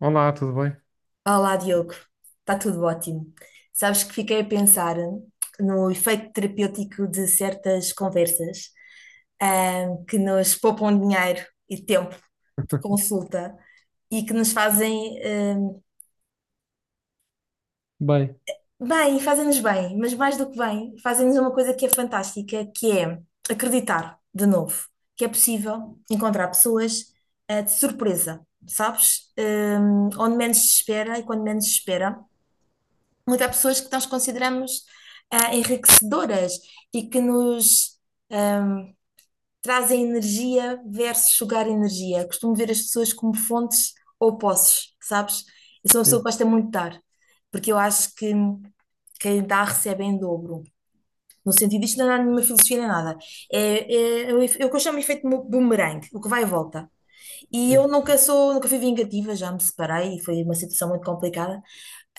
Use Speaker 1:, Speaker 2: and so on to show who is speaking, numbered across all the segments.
Speaker 1: Olá, tudo bem?
Speaker 2: Olá, Diogo. Está tudo ótimo. Sabes que fiquei a pensar no efeito terapêutico de certas conversas, que nos poupam dinheiro e tempo de consulta e que nos fazem,
Speaker 1: Bem,
Speaker 2: bem, fazem-nos bem, mas mais do que bem, fazem-nos uma coisa que é fantástica, que é acreditar de novo que é possível encontrar pessoas, de surpresa, sabes? Onde menos se espera e quando menos se espera. Mas há pessoas que nós consideramos enriquecedoras e que nos ahm, trazem energia versus sugar energia. Costumo ver as pessoas como fontes ou poços, sabes? Eu sou uma pessoa que
Speaker 1: sim,
Speaker 2: gosta muito de dar, porque eu acho que quem dá recebe em dobro. No sentido, isto não é nenhuma filosofia nem nada. É, é o que eu chamo de efeito boomerang, o que vai e volta. E
Speaker 1: sim,
Speaker 2: eu nunca sou, nunca fui vingativa, já me separei e foi uma situação muito complicada.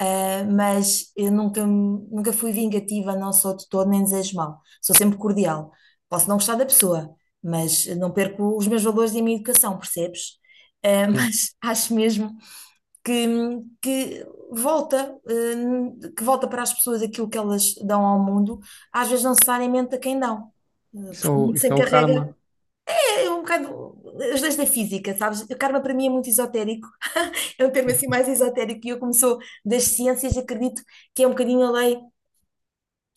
Speaker 2: Mas eu nunca, nunca fui vingativa, não sou de todo, nem desejo mal. Sou sempre cordial. Posso não gostar da pessoa, mas não perco os meus valores e a minha educação, percebes?
Speaker 1: sim.
Speaker 2: Mas acho mesmo que, que que volta para as pessoas aquilo que elas dão ao mundo, às vezes não necessariamente a quem dão, porque o mundo se
Speaker 1: Isso é o
Speaker 2: encarrega.
Speaker 1: karma.
Speaker 2: É um bocado as leis da física, sabes? O karma para mim é muito esotérico, é um termo assim mais esotérico e eu como sou das ciências acredito que é um bocadinho a lei,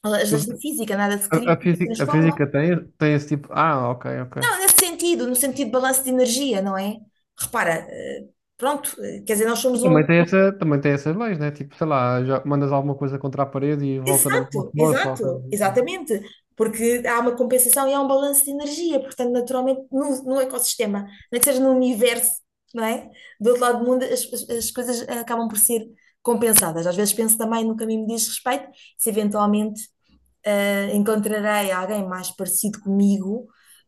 Speaker 2: as
Speaker 1: Mas
Speaker 2: leis da física, nada se
Speaker 1: a, a
Speaker 2: cria, se
Speaker 1: física, a
Speaker 2: transforma.
Speaker 1: física tem, tem esse tipo. Ah, ok, ok.
Speaker 2: Não, nesse sentido, no sentido de balanço de energia, não é? Repara, pronto, quer dizer, nós
Speaker 1: E
Speaker 2: somos um.
Speaker 1: também tem essas leis, né? Tipo, sei lá, já mandas alguma coisa contra a parede e volta na mesma
Speaker 2: Exato,
Speaker 1: força, ou coisa
Speaker 2: exato,
Speaker 1: do género.
Speaker 2: exatamente. Porque há uma compensação e há um balanço de energia, portanto, naturalmente, no ecossistema, nem que seja no universo, não é? Do outro lado do mundo, as coisas acabam por ser compensadas. Às vezes penso também no que a mim me diz respeito, se eventualmente encontrarei alguém mais parecido comigo,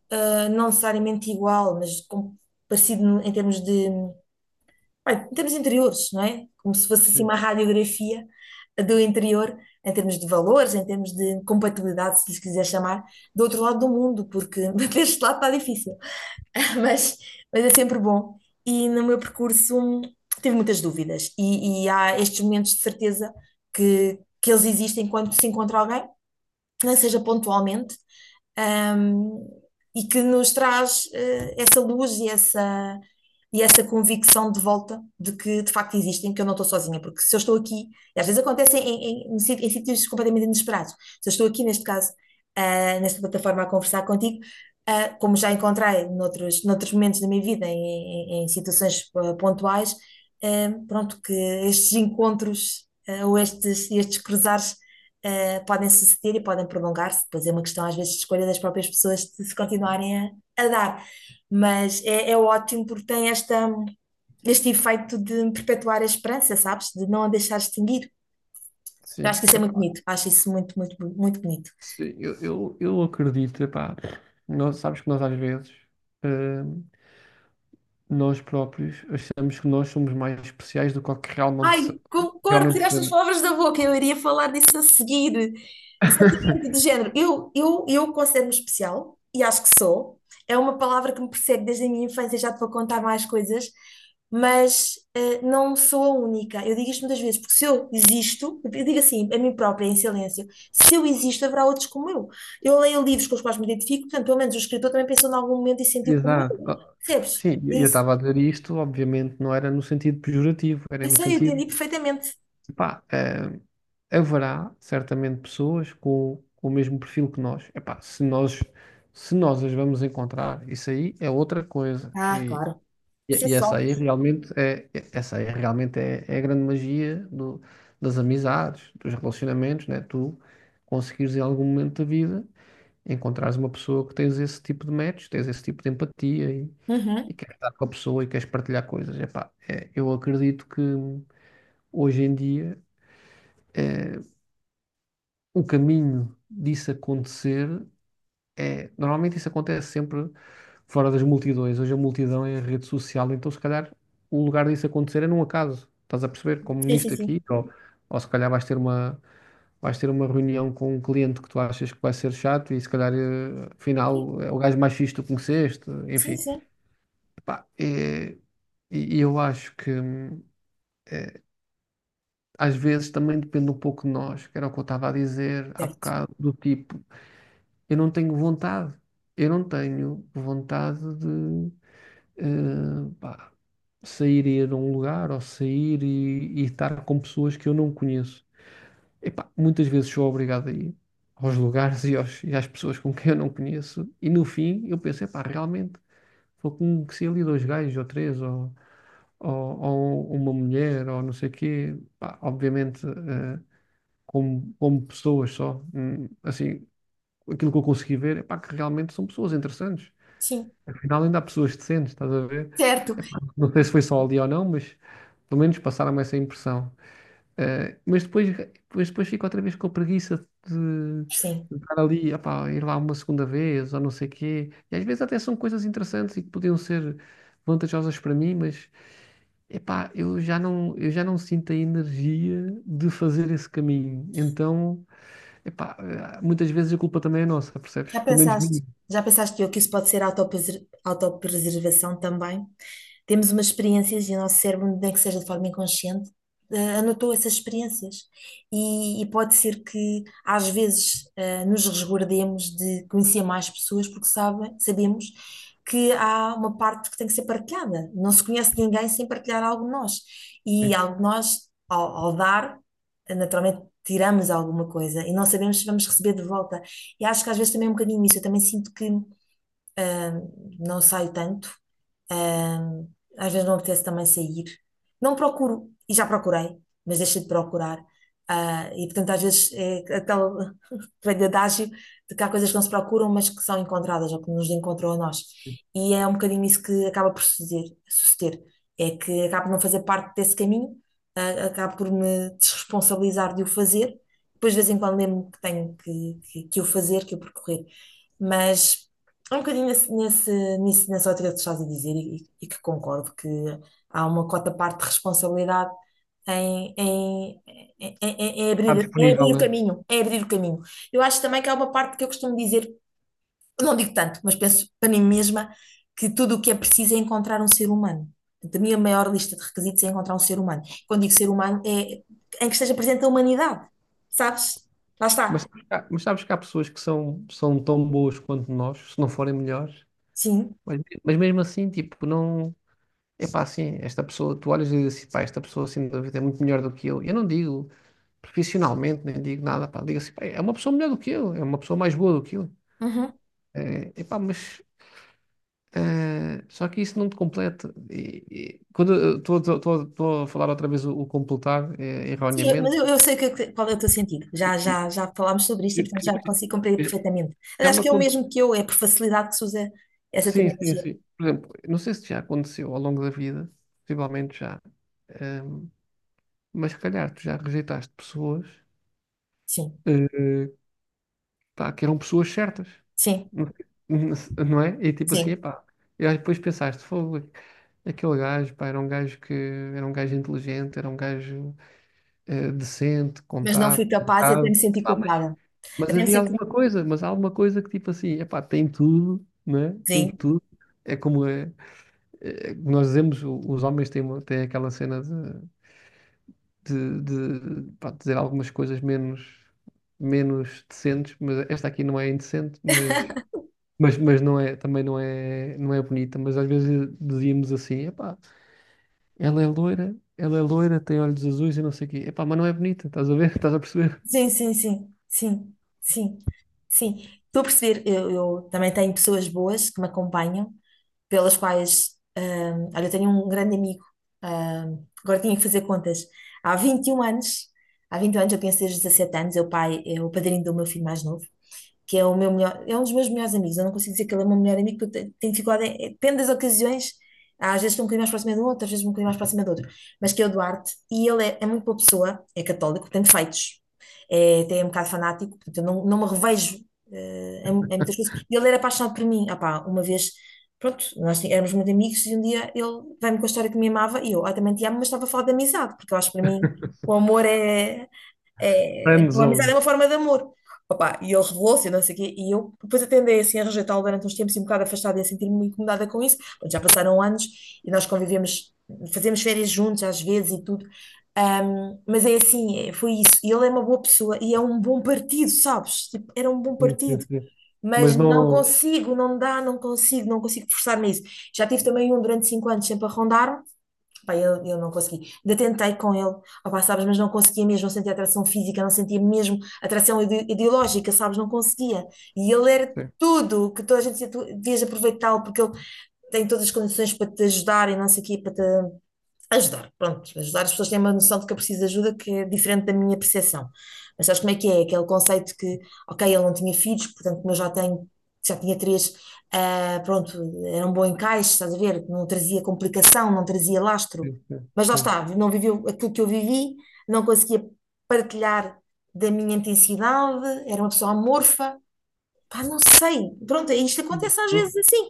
Speaker 2: não necessariamente igual, mas parecido em termos de bem, em termos interiores, não é? Como se fosse assim
Speaker 1: Sim,
Speaker 2: uma radiografia do interior, em termos de valores, em termos de compatibilidade, se lhes quiser chamar, do outro lado do mundo, porque deste lado está difícil. Mas, mas é sempre bom. E no meu percurso tive muitas dúvidas. E há estes momentos de certeza que eles existem quando se encontra alguém, nem que seja pontualmente, um, e que nos traz essa luz e essa convicção de volta de que de facto existem, que eu não estou sozinha, porque se eu estou aqui, e às vezes acontece em sítios completamente inesperados, se eu estou aqui neste caso, nesta plataforma a conversar contigo, como já encontrei noutros, noutros momentos da minha vida, em situações pontuais, pronto, que estes encontros ou estes cruzares podem suceder e podem prolongar-se. Depois é uma questão, às vezes, de escolha das próprias pessoas de se continuarem a dar. Mas é ótimo porque tem este efeito de perpetuar a esperança, sabes? De não a deixar extinguir. Eu acho que
Speaker 1: sim.
Speaker 2: isso é muito
Speaker 1: Epá,
Speaker 2: bonito. Acho isso muito, muito, muito bonito.
Speaker 1: sim, eu acredito, epá. Nós, sabes que nós às vezes, eh, nós próprios, achamos que nós somos mais especiais do que o que realmente,
Speaker 2: Ai, concordo,
Speaker 1: realmente
Speaker 2: tiraste as
Speaker 1: somos.
Speaker 2: palavras da boca, eu iria falar disso a seguir. Exatamente, de género. Eu considero-me especial, e acho que sou. É uma palavra que me persegue desde a minha infância, já te vou contar mais coisas, mas não sou a única. Eu digo isto muitas vezes, porque se eu existo, eu digo assim, a mim própria, em silêncio, se eu existo, haverá outros como eu. Eu leio livros com os quais me identifico, portanto, pelo menos o escritor também pensou em algum momento e sentiu como
Speaker 1: Exato.
Speaker 2: eu.
Speaker 1: Oh,
Speaker 2: Percebes?
Speaker 1: sim,
Speaker 2: É
Speaker 1: eu
Speaker 2: isso.
Speaker 1: estava a dizer isto, obviamente não era no sentido pejorativo, era
Speaker 2: Eu
Speaker 1: no
Speaker 2: sei, eu
Speaker 1: sentido,
Speaker 2: entendi perfeitamente.
Speaker 1: pá, haverá certamente pessoas com, o mesmo perfil que nós. Epá, se nós as vamos encontrar, isso aí é outra coisa.
Speaker 2: Ah,
Speaker 1: E,
Speaker 2: claro. Isso é
Speaker 1: e- e
Speaker 2: só.
Speaker 1: essa aí realmente é é, a grande magia das amizades, dos relacionamentos, né? Tu conseguires em algum momento da vida encontrares uma pessoa que tens esse tipo de match, tens esse tipo de empatia e
Speaker 2: Uhum.
Speaker 1: queres estar com a pessoa e queres partilhar coisas. Epá, é, eu acredito que hoje em dia eh, o caminho disso acontecer normalmente isso acontece sempre fora das multidões. Hoje a multidão é a rede social, então se calhar o lugar disso acontecer é num acaso. Estás a perceber? Como
Speaker 2: Sim, sim,
Speaker 1: nisto
Speaker 2: sim.
Speaker 1: aqui, ou se calhar vais ter uma reunião com um cliente que tu achas que vai ser chato e se calhar, eh, afinal, é o gajo mais fixe que tu conheceste,
Speaker 2: Sim,
Speaker 1: enfim.
Speaker 2: sim.
Speaker 1: Pá, e eu acho que às vezes também depende um pouco de nós, que era o que eu estava a dizer há
Speaker 2: Certo.
Speaker 1: bocado, do tipo. Eu não tenho vontade. Eu não tenho vontade de pá, sair e ir a um lugar ou sair e estar com pessoas que eu não conheço. Epá, muitas vezes sou obrigado a ir aos lugares e às pessoas com quem eu não conheço. E no fim eu penso, epá, realmente vou conhecer ali dois gajos ou três ou, ou uma mulher ou não sei o quê. Pá, obviamente como pessoas só. Assim, aquilo que eu consegui ver, é pá, que realmente são pessoas interessantes.
Speaker 2: Sim.
Speaker 1: Afinal, ainda há pessoas decentes, estás a ver?
Speaker 2: Certo.
Speaker 1: Epá, não sei se foi só ali ou não, mas pelo menos passaram-me essa impressão. Mas depois fico outra vez com a preguiça de,
Speaker 2: Sim.
Speaker 1: de estar ali, epá, ir lá uma segunda vez ou não sei quê. E às vezes até são coisas interessantes e que podiam ser vantajosas para mim, mas epá, eu já não sinto a energia de fazer esse caminho. Então, epá, muitas vezes a culpa também é nossa, percebes?
Speaker 2: Já
Speaker 1: Pelo menos
Speaker 2: pensaste?
Speaker 1: minha.
Speaker 2: Já pensaste que o que isso pode ser autopreservação também? Temos umas experiências e o nosso cérebro, nem que seja de forma inconsciente, anotou essas experiências. E pode ser que, às vezes, nos resguardemos de conhecer mais pessoas porque sabemos que há uma parte que tem que ser partilhada. Não se conhece ninguém sem partilhar algo de nós. E algo de nós, ao dar, naturalmente tiramos alguma coisa e não sabemos se vamos receber de volta. E acho que às vezes também é um bocadinho isso. Eu também sinto que. Ahm, não saio tanto. Ahm, às vezes não apetece também sair. Não procuro, e já procurei, mas deixei de procurar. Ah, e portanto, às vezes é aquele velho adágio de que há coisas que não se procuram, mas que são encontradas ou que nos encontram a nós. E é um bocadinho isso que acaba por suceder. É que acabo por não fazer parte desse caminho, acabo por me desresponsabilizar de o fazer. Depois, de vez em quando, lembro-me que tenho que o fazer, que o percorrer. Mas. É um bocadinho nessa ótica que tu estás a dizer e que concordo que há uma cota parte de responsabilidade em, em,
Speaker 1: Está
Speaker 2: em
Speaker 1: disponível,
Speaker 2: abrir o
Speaker 1: né?
Speaker 2: caminho, em abrir o caminho. Eu acho também que há uma parte que eu costumo dizer, não digo tanto, mas penso para mim mesma, que tudo o que é preciso é encontrar um ser humano. Portanto, a minha maior lista de requisitos é encontrar um ser humano. Quando digo ser humano, é em que esteja presente a humanidade, sabes? Lá
Speaker 1: Mas,
Speaker 2: está.
Speaker 1: sabes que há pessoas que são tão boas quanto nós, se não forem melhores,
Speaker 2: Sim.
Speaker 1: mas mesmo assim, tipo, não. É pá assim, esta pessoa, tu olhas e dizes assim, pá, esta pessoa, assim sem vida é muito melhor do que eu. Eu não digo profissionalmente, nem digo nada, pá, digo assim, pá, é uma pessoa melhor do que eu, é uma pessoa mais boa do que eu. É, epá, mas, só que isso não te completa. E quando eu estou a falar outra vez o completar,
Speaker 2: Sim, mas
Speaker 1: erroneamente,
Speaker 2: eu sei qual é o teu sentido. Já falámos sobre isto e,
Speaker 1: que-
Speaker 2: portanto,
Speaker 1: que-
Speaker 2: já consigo compreender
Speaker 1: que-
Speaker 2: perfeitamente.
Speaker 1: já
Speaker 2: Aliás,
Speaker 1: me,
Speaker 2: que é o
Speaker 1: acon-
Speaker 2: mesmo que eu, é por facilidade que se usa essa
Speaker 1: sim, sim,
Speaker 2: terminologia.
Speaker 1: sim. Por exemplo, não sei se já aconteceu ao longo da vida, possivelmente já, ehm, mas se calhar tu já rejeitaste pessoas,
Speaker 2: Sim,
Speaker 1: eh, pá, que eram pessoas certas,
Speaker 2: sim,
Speaker 1: não sei- não é? E tipo assim,
Speaker 2: sim.
Speaker 1: pá, e aí depois pensaste, fogo, aquele gajo, pá, era um gajo inteligente, era um gajo decente,
Speaker 2: Mas não fui
Speaker 1: contado,
Speaker 2: capaz e até me
Speaker 1: educado.
Speaker 2: senti
Speaker 1: Epá,
Speaker 2: culpada.
Speaker 1: mas
Speaker 2: Até me
Speaker 1: havia
Speaker 2: senti.
Speaker 1: alguma coisa, mas há alguma coisa que tipo assim, epá, tem tudo, não é? Tem
Speaker 2: Sim,
Speaker 1: tudo. É como é, nós dizemos, os homens têm aquela cena de, pá, dizer algumas coisas menos, decentes, mas esta aqui não é indecente, mas não é, também não é, não é bonita, mas às vezes dizíamos assim, epá, ela é loira, tem olhos azuis e não sei o quê, epá, mas não é bonita, estás a ver? Estás a perceber?
Speaker 2: sim, sim, sim, sim, sim, sim. Estou a perceber, eu também tenho pessoas boas que me acompanham pelas quais, olha, eu tenho um grande amigo, agora tinha que fazer contas, há 21 anos, eu penso desde os 17 anos, é o pai, é o padrinho do meu filho mais novo, que é o meu melhor, é um dos meus melhores amigos. Eu não consigo dizer que ele é o meu melhor amigo, porque eu tenho dificuldade, depende das ocasiões. Ah, às vezes estou um bocadinho mais próxima de um outro, às vezes um bocadinho mais próxima de outro, mas que é o Duarte, e ele é muito boa pessoa, é católico, tem defeitos, é, tem é um bocado fanático, portanto eu não, não me revejo em muitas coisas. E ele era apaixonado por mim, ah pá, uma vez, pronto, nós éramos muito amigos, e um dia ele veio-me com a história que me amava, e eu, ah, também te amo, mas estava a falar de amizade, porque eu acho que para mim o amor
Speaker 1: Friend
Speaker 2: a amizade é
Speaker 1: zone.
Speaker 2: uma forma de amor. Opa, e ele revelou-se, e não sei o quê, e eu depois atendei assim a rejeitá-lo durante uns tempos e um bocado afastada e a sentir-me incomodada com isso. Pronto, já passaram anos e nós convivemos, fazemos férias juntos às vezes e tudo. Mas é assim, foi isso. E ele é uma boa pessoa e é um bom partido, sabes? Tipo, era um bom
Speaker 1: Sim,
Speaker 2: partido,
Speaker 1: sim, sim.
Speaker 2: mas
Speaker 1: Mas
Speaker 2: não
Speaker 1: não.
Speaker 2: consigo, não dá, não consigo, não consigo forçar-me a isso. Já tive também um durante 5 anos sempre a rondar-me. Pá, eu não consegui. Ainda tentei com ele, opá, sabes, mas não conseguia mesmo, não sentia atração física, não sentia mesmo atração ideológica, sabes, não conseguia. E ele era
Speaker 1: Sim,
Speaker 2: tudo o que toda a gente dizia, tu devias aproveitá-lo, porque ele tem todas as condições para te ajudar e não sei o quê, para te ajudar, pronto, ajudar as pessoas têm uma noção de que eu preciso de ajuda que é diferente da minha percepção. Mas sabes como é que é? Aquele conceito que, ok, ele não tinha filhos, portanto, como eu já tenho, já tinha três, ah, pronto, era um bom encaixe, estás a ver? Não trazia complicação, não trazia lastro.
Speaker 1: sim,
Speaker 2: Mas lá
Speaker 1: sim.
Speaker 2: está, não viveu aquilo que eu vivi, não conseguia partilhar da minha intensidade, era uma pessoa amorfa. Pá, não sei, pronto, isto
Speaker 1: Sim,
Speaker 2: acontece às vezes assim.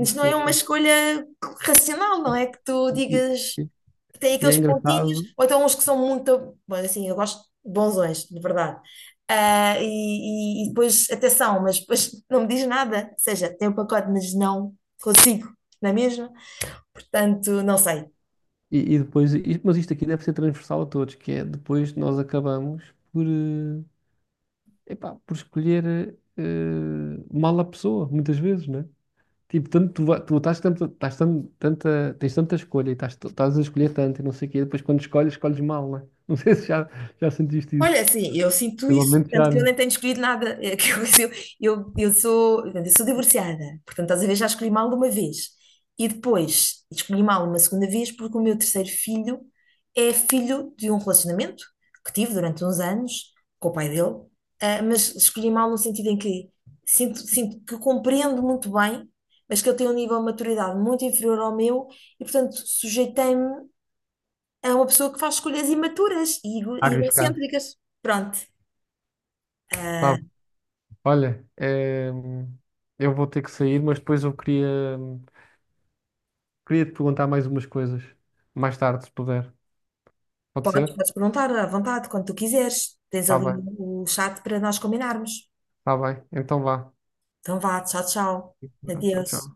Speaker 1: sim,
Speaker 2: não
Speaker 1: sim.
Speaker 2: é uma escolha racional, não é que tu
Speaker 1: Sim.
Speaker 2: digas
Speaker 1: E
Speaker 2: tem
Speaker 1: e é
Speaker 2: aqueles pontinhos,
Speaker 1: engraçado.
Speaker 2: ou então uns que são muito. Bom, assim, eu gosto de bonzões, de verdade. Ah, e depois, até são, mas depois não me diz nada. Ou seja, tem o pacote, mas não consigo, não é mesmo? Portanto, não sei.
Speaker 1: E depois, mas isto aqui deve ser transversal a todos, que é depois nós acabamos epá, por escolher mal a pessoa, muitas vezes, né? Tipo, tanto tu estás tanto, estás tan- tanta, tens tanta escolha e estás a escolher tanto e não sei o quê, depois quando escolhes, escolhes mal, né? Não sei se já sentiste isso.
Speaker 2: Olha, assim, eu sinto isso,
Speaker 1: Provavelmente
Speaker 2: tanto
Speaker 1: já,
Speaker 2: que eu
Speaker 1: né?
Speaker 2: nem tenho escolhido nada. É que eu, eu sou, portanto, eu sou divorciada, portanto, às vezes já escolhi mal de uma vez. E depois escolhi mal uma segunda vez porque o meu terceiro filho é filho de um relacionamento que tive durante uns anos com o pai dele, mas escolhi mal no sentido em que sinto que compreendo muito bem, mas que ele tem um nível de maturidade muito inferior ao meu e, portanto, sujeitei-me. É uma pessoa que faz escolhas imaturas e
Speaker 1: A
Speaker 2: e
Speaker 1: arriscar.
Speaker 2: egocêntricas. Pronto. Ah,
Speaker 1: Pá, olha, eu vou ter que sair, mas depois eu queria, te perguntar mais umas coisas, mais tarde, se puder. Pode ser?
Speaker 2: podes perguntar à vontade, quando tu quiseres. Tens
Speaker 1: Tá
Speaker 2: ali
Speaker 1: bem.
Speaker 2: o chat para nós combinarmos.
Speaker 1: Tá bem, então vá.
Speaker 2: Então vá, tchau, tchau.
Speaker 1: Tchau, tchau.
Speaker 2: Adeus.